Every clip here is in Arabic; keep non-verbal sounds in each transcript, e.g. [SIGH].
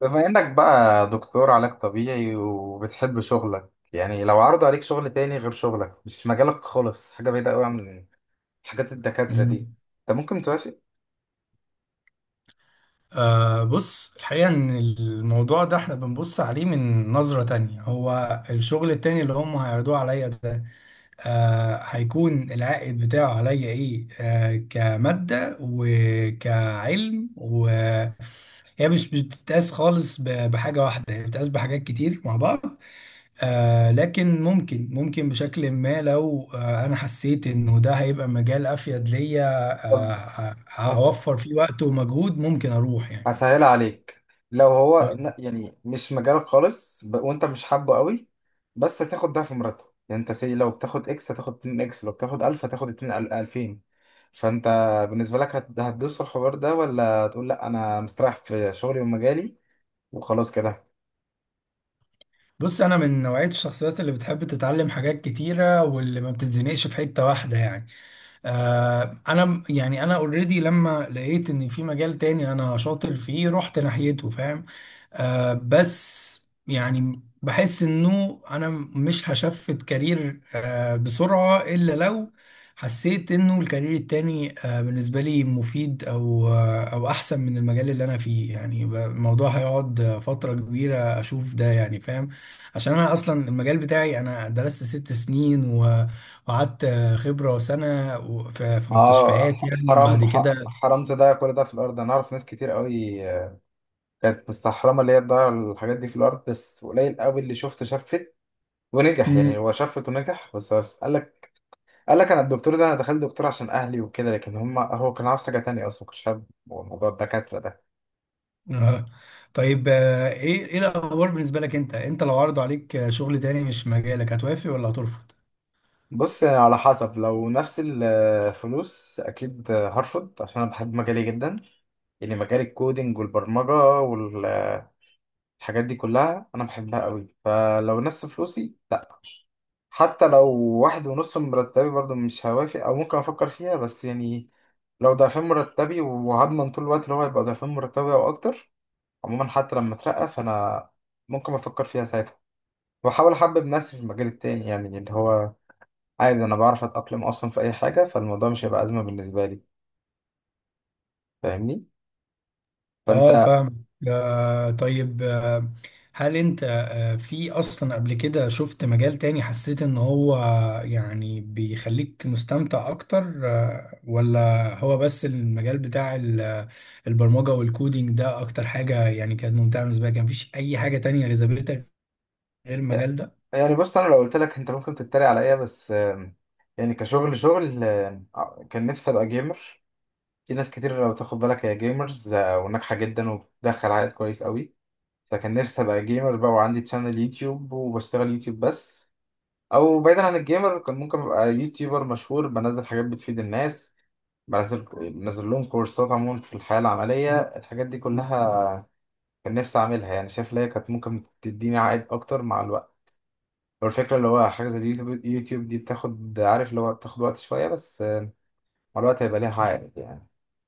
بما انك بقى دكتور علاج طبيعي وبتحب شغلك، يعني لو عرضوا عليك شغل تاني غير شغلك، مش في مجالك خالص، حاجة بعيدة قوي عن حاجات الدكاترة دي، مم. انت ممكن توافق؟ بص، الحقيقة إن الموضوع ده إحنا بنبص عليه من نظرة تانية. هو الشغل التاني اللي هم هيعرضوه عليا ده هيكون العائد بتاعه عليا إيه؟ كمادة وكعلم، وهي مش بتتقاس خالص بحاجة واحدة، هي بتتقاس بحاجات كتير مع بعض. لكن ممكن بشكل ما، لو انا حسيت انه ده هيبقى مجال افيد ليا، طب آه هس... هوفر فيه وقت ومجهود، ممكن اروح يعني. هسهلها عليك. لو هو قول. يعني مش مجالك خالص وانت مش حابه قوي، بس هتاخد ضعف مرتب. يعني انت سي، لو بتاخد اكس هتاخد 2 اكس، لو بتاخد 1000 هتاخد 2 2000. فانت بالنسبة لك هتدوس في الحوار ده، ولا تقول لا انا مستريح في شغلي ومجالي وخلاص كده؟ بص، انا من نوعية الشخصيات اللي بتحب تتعلم حاجات كتيرة واللي ما بتتزنقش في حتة واحدة يعني. يعني انا اوريدي لما لقيت ان في مجال تاني انا شاطر فيه رحت ناحيته، فاهم؟ بس يعني بحس انه انا مش هشفت كارير بسرعة، الا لو حسيت انه الكارير التاني بالنسبة لي مفيد، او او احسن من المجال اللي انا فيه يعني. الموضوع هيقعد فترة كبيرة اشوف ده يعني، فاهم؟ عشان انا اصلا المجال بتاعي، انا درست 6 سنين وقعدت خبرة وسنة في اه، مستشفيات يعني حرام بعد كده. حرام تضيع كل ده في الارض، انا اعرف ناس كتير قوي كانت مستحرمه اللي هي تضيع الحاجات دي في الارض. بس قليل قوي اللي شفت ونجح، يعني مم. هو شفت ونجح. بس قال لك انا الدكتور ده، انا دخلت دكتور عشان اهلي وكده، لكن هو كان عاوز حاجه تانية، اصلا كنت حابب موضوع الدكاتره ده. آه. طيب، ايه الاخبار بالنسبة لك؟ انت لو عرضوا عليك شغل تاني مش في مجالك، هتوافق ولا هترفض؟ بص، على حسب، لو نفس الفلوس اكيد هرفض، عشان انا بحب مجالي جدا. يعني مجال الكودينج والبرمجه والحاجات دي كلها انا بحبها قوي. فلو نفس فلوسي، حتى لو واحد ونص من مرتبي، برضو مش هوافق، او ممكن افكر فيها بس يعني. لو ضعفين مرتبي وهضمن طول الوقت اللي هو هيبقى ضعفين مرتبي او اكتر، عموما حتى لما اترقى فانا ممكن افكر فيها ساعتها، واحاول احبب نفسي في المجال التاني، يعني اللي هو عادي، انا بعرف اتاقلم اصلا في اي حاجه، فالموضوع مش هيبقى ازمه بالنسبه لي، فاهمني؟ فانت. اه، فاهم. طيب، هل انت في اصلا قبل كده شفت مجال تاني حسيت ان هو يعني بيخليك مستمتع اكتر، ولا هو بس المجال بتاع البرمجة والكودينج ده اكتر حاجة يعني كانت ممتعة بالنسبة لك؟ كان مفيش اي حاجة تانية جذبتك غير المجال ده؟ يعني بص، انا لو قلت لك انت ممكن تتريق عليا، بس يعني كشغل شغل، كان نفسي ابقى جيمر. في ناس كتير لو تاخد بالك هي جيمرز، وناجحة جدا وبتدخل عائد كويس قوي. فكان نفسي أبقى جيمر بقى، وعندي تشانل يوتيوب وبشتغل يوتيوب بس. أو بعيدا عن الجيمر، كان ممكن أبقى يوتيوبر مشهور، بنزل حاجات بتفيد الناس، بنزل بنزل لهم كورسات عموما في الحياة العملية، الحاجات دي كلها كان نفسي أعملها. يعني شايف إن هي كانت ممكن تديني عائد أكتر مع الوقت. هو الفكرة اللي هو حاجة زي اليوتيوب دي بتاخد، عارف اللي هو بتاخد وقت شوية، بس مع الوقت هيبقى ليها عائد يعني.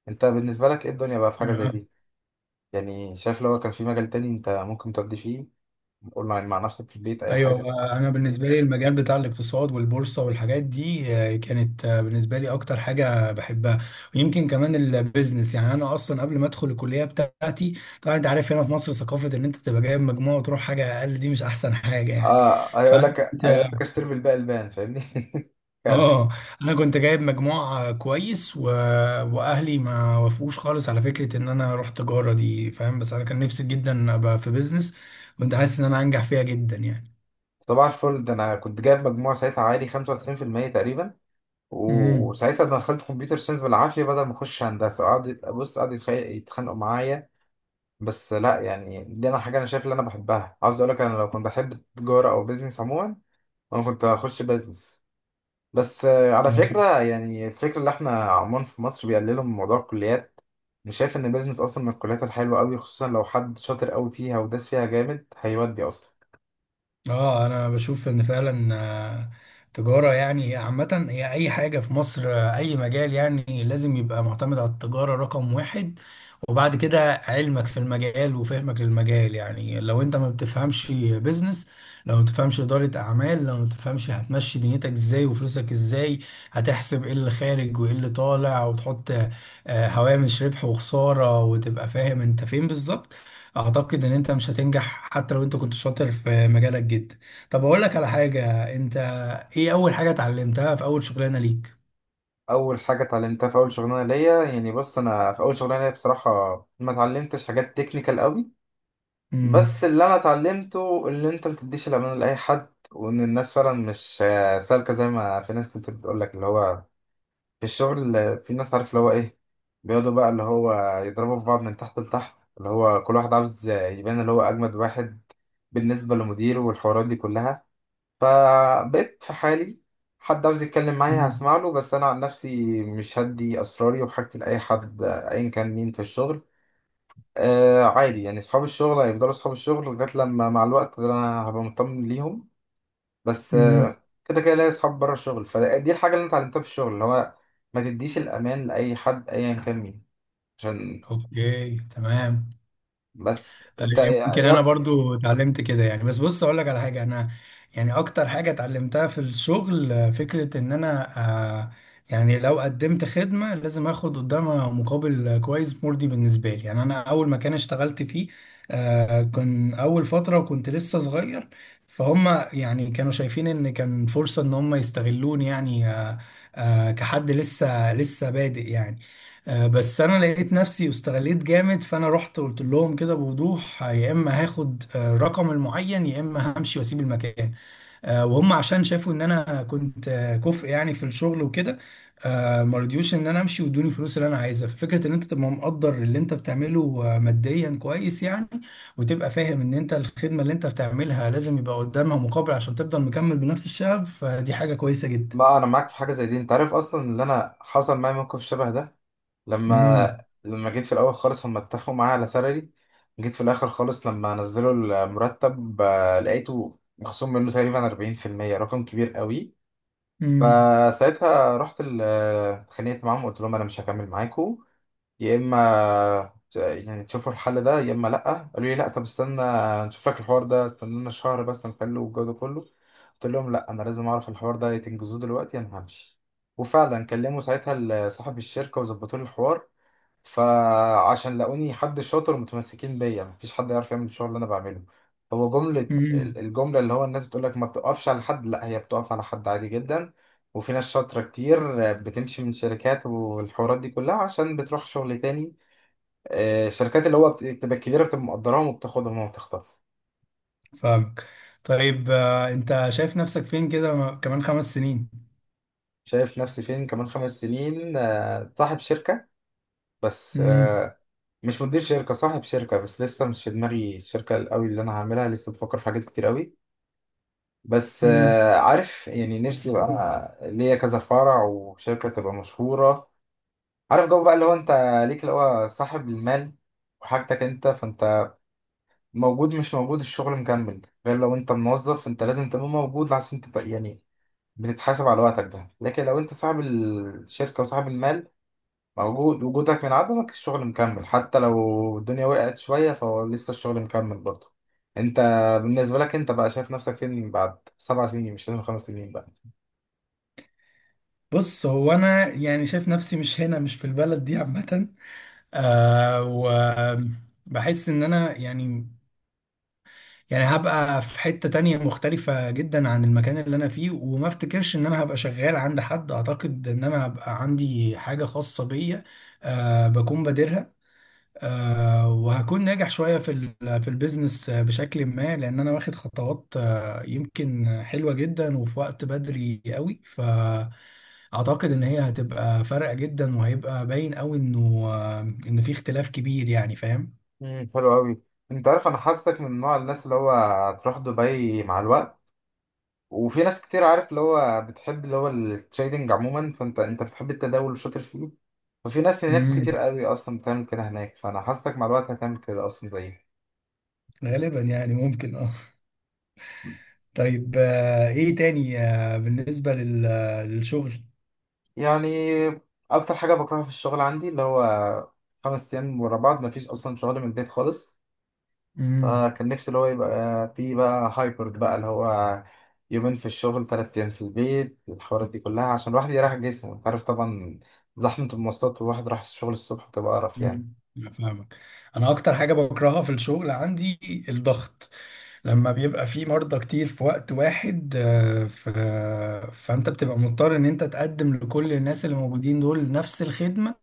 أنت بالنسبة لك إيه الدنيا بقى في حاجة زي اه، دي؟ يعني شايف لو كان في مجال تاني أنت ممكن تقضي فيه، قول مع نفسك في البيت أي ايوه. حاجة. انا بالنسبه لي المجال بتاع الاقتصاد والبورصه والحاجات دي كانت بالنسبه لي اكتر حاجه بحبها، ويمكن كمان البيزنس. يعني انا اصلا قبل ما ادخل الكليه بتاعتي، طبعا انت عارف، هنا في مصر ثقافه ان انت تبقى جايب مجموع وتروح حاجه اقل دي مش احسن حاجه يعني. آه، هيقول فانا لك كنت هيقول لك اشتري بالباقي البان، فاهمني. [LAUGHS] كمل. اه انا كنت جايب مجموع كويس، واهلي ما وافقوش خالص على فكره ان انا اروح تجاره دي، فاهم؟ بس انا كان نفسي جدا ابقى في بيزنس، كنت حاسس ان انا هنجح فيها جدا يعني. صباح الفل، ده أنا كنت جايب مجموع ساعتها عالي 95% تقريبا، امم. وساعتها انا دخلت كمبيوتر ساينس بالعافية بدل ما أخش هندسة، قعد بص قعد يتخانقوا معايا. بس لا، يعني دي أنا حاجة أنا شايف اللي أنا بحبها، عاوز أقول لك أنا لو كنت بحب التجارة أو بيزنس عموما أنا كنت هخش بيزنس. بس على فكرة يعني، الفكرة اللي احنا عموما في مصر بيقللوا من موضوع الكليات، مش شايف ان بيزنس اصلا من الكليات الحلوة قوي، خصوصا لو حد شاطر قوي فيها وداس فيها جامد هيودي اصلا. اه، انا بشوف ان فعلا تجارة يعني عامة، هي اي حاجة في مصر، اي مجال يعني لازم يبقى معتمد على التجارة رقم واحد، وبعد كده علمك في المجال وفهمك للمجال. يعني لو انت ما بتفهمش بيزنس، لو ما بتفهمش إدارة اعمال، لو ما بتفهمش، هتمشي دنيتك ازاي وفلوسك ازاي؟ هتحسب ايه اللي خارج وايه اللي طالع، وتحط هوامش ربح وخسارة، وتبقى فاهم انت فين بالظبط. اعتقد ان انت مش هتنجح حتى لو انت كنت شاطر في مجالك جدا. طب اقول لك على حاجة، انت ايه اول حاجة اتعلمتها في اول شغلانة ليك؟ اول حاجة اتعلمتها في اول شغلانة ليا، يعني بص، انا في اول شغلانة ليا بصراحة ما اتعلمتش حاجات تكنيكال قوي. بس امم. اللي انا اتعلمته، اللي انت ما تديش الامان لاي حد، وان الناس فعلا مش سالكة زي ما في ناس كتير بتقول لك اللي هو في الشغل، في ناس عارف اللي هو ايه، بيقعدوا بقى اللي هو يضربوا في بعض من تحت لتحت، اللي هو كل واحد عاوز يبان اللي هو اجمد واحد بالنسبه لمديره والحوارات دي كلها. فبقيت في حالي، حد عاوز يتكلم معايا مم. هسمع له، بس انا عن نفسي مش هدي اسراري وحاجتي لاي حد ايا كان مين في الشغل. آه، عادي يعني، اصحاب الشغل هيفضلوا اصحاب الشغل لغايه لما مع الوقت انا هبقى مطمن ليهم. بس امم، كده كده ليا اصحاب بره الشغل. فدي الحاجه اللي انت اتعلمتها في الشغل اللي هو ما تديش الامان لاي حد ايا كان مين، عشان. اوكي، تمام. بس انت يمكن يا انا برضو اتعلمت كده يعني، بس بص اقول لك على حاجه، انا يعني اكتر حاجه اتعلمتها في الشغل فكره ان انا آه، يعني لو قدمت خدمه لازم اخد قدامها مقابل كويس مرضي بالنسبه لي. يعني انا اول مكان اشتغلت فيه كان اول فتره كنت لسه صغير، فهم يعني كانوا شايفين ان كان فرصه ان هم يستغلوني يعني، كحد لسه بادئ يعني. بس انا لقيت نفسي واستغليت جامد، فانا رحت قلت لهم كده بوضوح، يا اما هاخد الرقم المعين يا اما همشي واسيب المكان. وهم عشان شافوا ان انا كنت كفء يعني في الشغل وكده، ما رضيوش ان انا امشي، وادوني الفلوس اللي انا عايزها. ففكره ان انت تبقى مقدر اللي انت بتعمله ماديا كويس يعني، وتبقى فاهم ان انت الخدمه اللي انت بتعملها لازم يبقى قدامها مقابل عشان تفضل مكمل بنفس الشغف، فدي حاجه كويسه جدا. ما انا معاك في حاجه زي دي، انت عارف اصلا ان انا حصل معايا موقف شبه ده. لما امم. لما جيت في الاول خالص هم اتفقوا معايا على سالري. جيت في الاخر خالص لما نزلوا المرتب، لقيته مخصوم منه تقريبا 40%، رقم كبير قوي. فساعتها رحت اتخانقت معاهم وقلت لهم انا مش هكمل معاكم، يا اما يعني تشوفوا الحل ده يا اما لا. قالوا لي لا، طب استنى نشوف لك الحوار ده، استنى لنا شهر بس نحله والجو ده كله. قلت لهم لا، انا لازم اعرف الحوار ده، يا تنجزوه دلوقتي يا انا همشي. وفعلا كلموا ساعتها صاحب الشركه وظبطوا لي الحوار. فعشان لاقوني حد شاطر متمسكين بيا، مفيش حد يعرف يعمل الشغل اللي انا بعمله. هو جملة، امم، الجملة اللي هو الناس بتقول لك ما بتقفش على حد، لا هي بتقف على حد عادي جدا. وفي ناس شاطرة كتير بتمشي من شركات والحوارات دي كلها عشان بتروح شغل تاني، شركات اللي هو بتبقى كبيرة، بتبقى مقدراهم وبتاخدهم وبتخطف. فاهمك. طيب، انت شايف نفسك فين كده، كمان 5 سنين؟ شايف نفسي فين كمان خمس سنين؟ صاحب شركة. بس مم. مش مدير شركة، صاحب شركة. بس لسه مش في دماغي الشركة قوي اللي أنا هعملها، لسه بفكر في حاجات كتير قوي. بس مم. عارف يعني نفسي بقى ليا كذا فرع وشركة تبقى مشهورة. عارف جو بقى اللي هو انت ليك اللي هو صاحب المال وحاجتك انت، فانت موجود مش موجود الشغل مكمل. غير لو انت موظف فانت لازم تبقى موجود عشان تبقى يعني بتتحاسب على وقتك ده، لكن لو انت صاحب الشركة وصاحب المال، موجود وجودك من عدمك الشغل مكمل، حتى لو الدنيا وقعت شوية فهو لسه الشغل مكمل برضه. انت بالنسبة لك انت بقى، شايف نفسك فين بعد سبع سنين؟ مش لازم خمس سنين بقى. بص، هو انا يعني شايف نفسي مش هنا، مش في البلد دي عامة، وبحس ان انا يعني هبقى في حتة تانية مختلفة جدا عن المكان اللي انا فيه، وما افتكرش ان انا هبقى شغال عند حد. اعتقد ان انا هبقى عندي حاجة خاصة بيا، بكون بادرها، وهكون ناجح شوية في في البيزنس بشكل ما، لأن أنا واخد خطوات يمكن حلوة جدا، وفي وقت بدري قوي، فأعتقد إن هي هتبقى فارقة جدا، وهيبقى باين قوي إنه إن في اختلاف كبير يعني، فاهم؟ امم، حلو قوي. انت عارف انا حاسك من نوع الناس اللي هو هتروح دبي مع الوقت، وفي ناس كتير عارف اللي هو بتحب اللي هو التريدنج عموما، فانت بتحب التداول وشاطر فيه، ففي ناس هناك امم. كتير قوي اصلا بتعمل كده هناك، فانا حاسك مع الوقت هتعمل كده اصلا زيي. غالبا يعني، ممكن، اه. طيب، إيه تاني بالنسبة للشغل؟ يعني اكتر حاجه بكرهها في الشغل عندي اللي هو خمس ايام ورا بعض، مفيش اصلا شغل من البيت خالص. مم. فكان نفسي اللي هو يبقى في بقى هايبرد بقى، اللي هو يومين في الشغل تلات أيام في البيت الحوارات دي كلها، عشان الواحد يريح جسمه. أنت عارف طبعا زحمة المواصلات، والواحد راح الشغل الصبح بتبقى قرف يعني. أنا فاهمك. انا اكتر حاجه بكرهها في الشغل عندي الضغط، لما بيبقى في مرضى كتير في وقت واحد. فانت بتبقى مضطر ان انت تقدم لكل الناس اللي موجودين دول نفس الخدمه.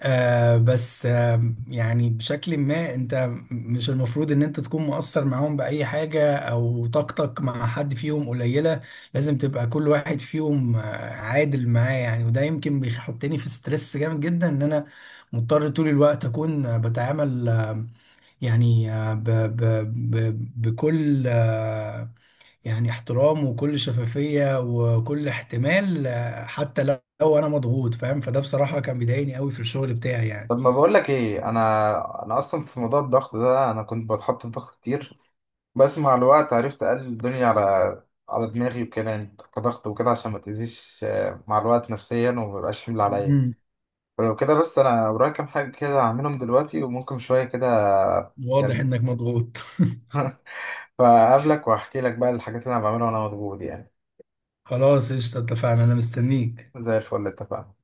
بس يعني بشكل ما، انت مش المفروض ان انت تكون مقصر معاهم بأي حاجة او طاقتك مع حد فيهم قليلة، لازم تبقى كل واحد فيهم عادل معاه يعني. وده يمكن بيحطني في ستريس جامد جدا، ان انا مضطر طول الوقت اكون بتعامل، يعني ب ب ب بكل، يعني احترام وكل شفافية وكل احتمال، حتى لو انا مضغوط، فاهم؟ فده بصراحة كان بيضايقني قوي في الشغل بتاعي طب يعني. ما بقول لك ايه، انا اصلا في موضوع الضغط ده انا كنت بتحط في ضغط كتير. بس مع الوقت عرفت اقلل الدنيا على دماغي وكده يعني، كضغط وكده، عشان ما تأذيش مع الوقت نفسيا وما يبقاش حمل عليا. مم. ولو كده بس، انا ورايا كام حاجه كده هعملهم دلوقتي، وممكن شويه كده واضح يعني. انك مضغوط. [LAUGHS] [LAUGHS] فقابلك واحكي لك بقى الحاجات اللي انا بعملها وانا مضغوط يعني. خلاص، قشطة، اتفقنا، انا مستنيك. زي الفل، اتفقنا.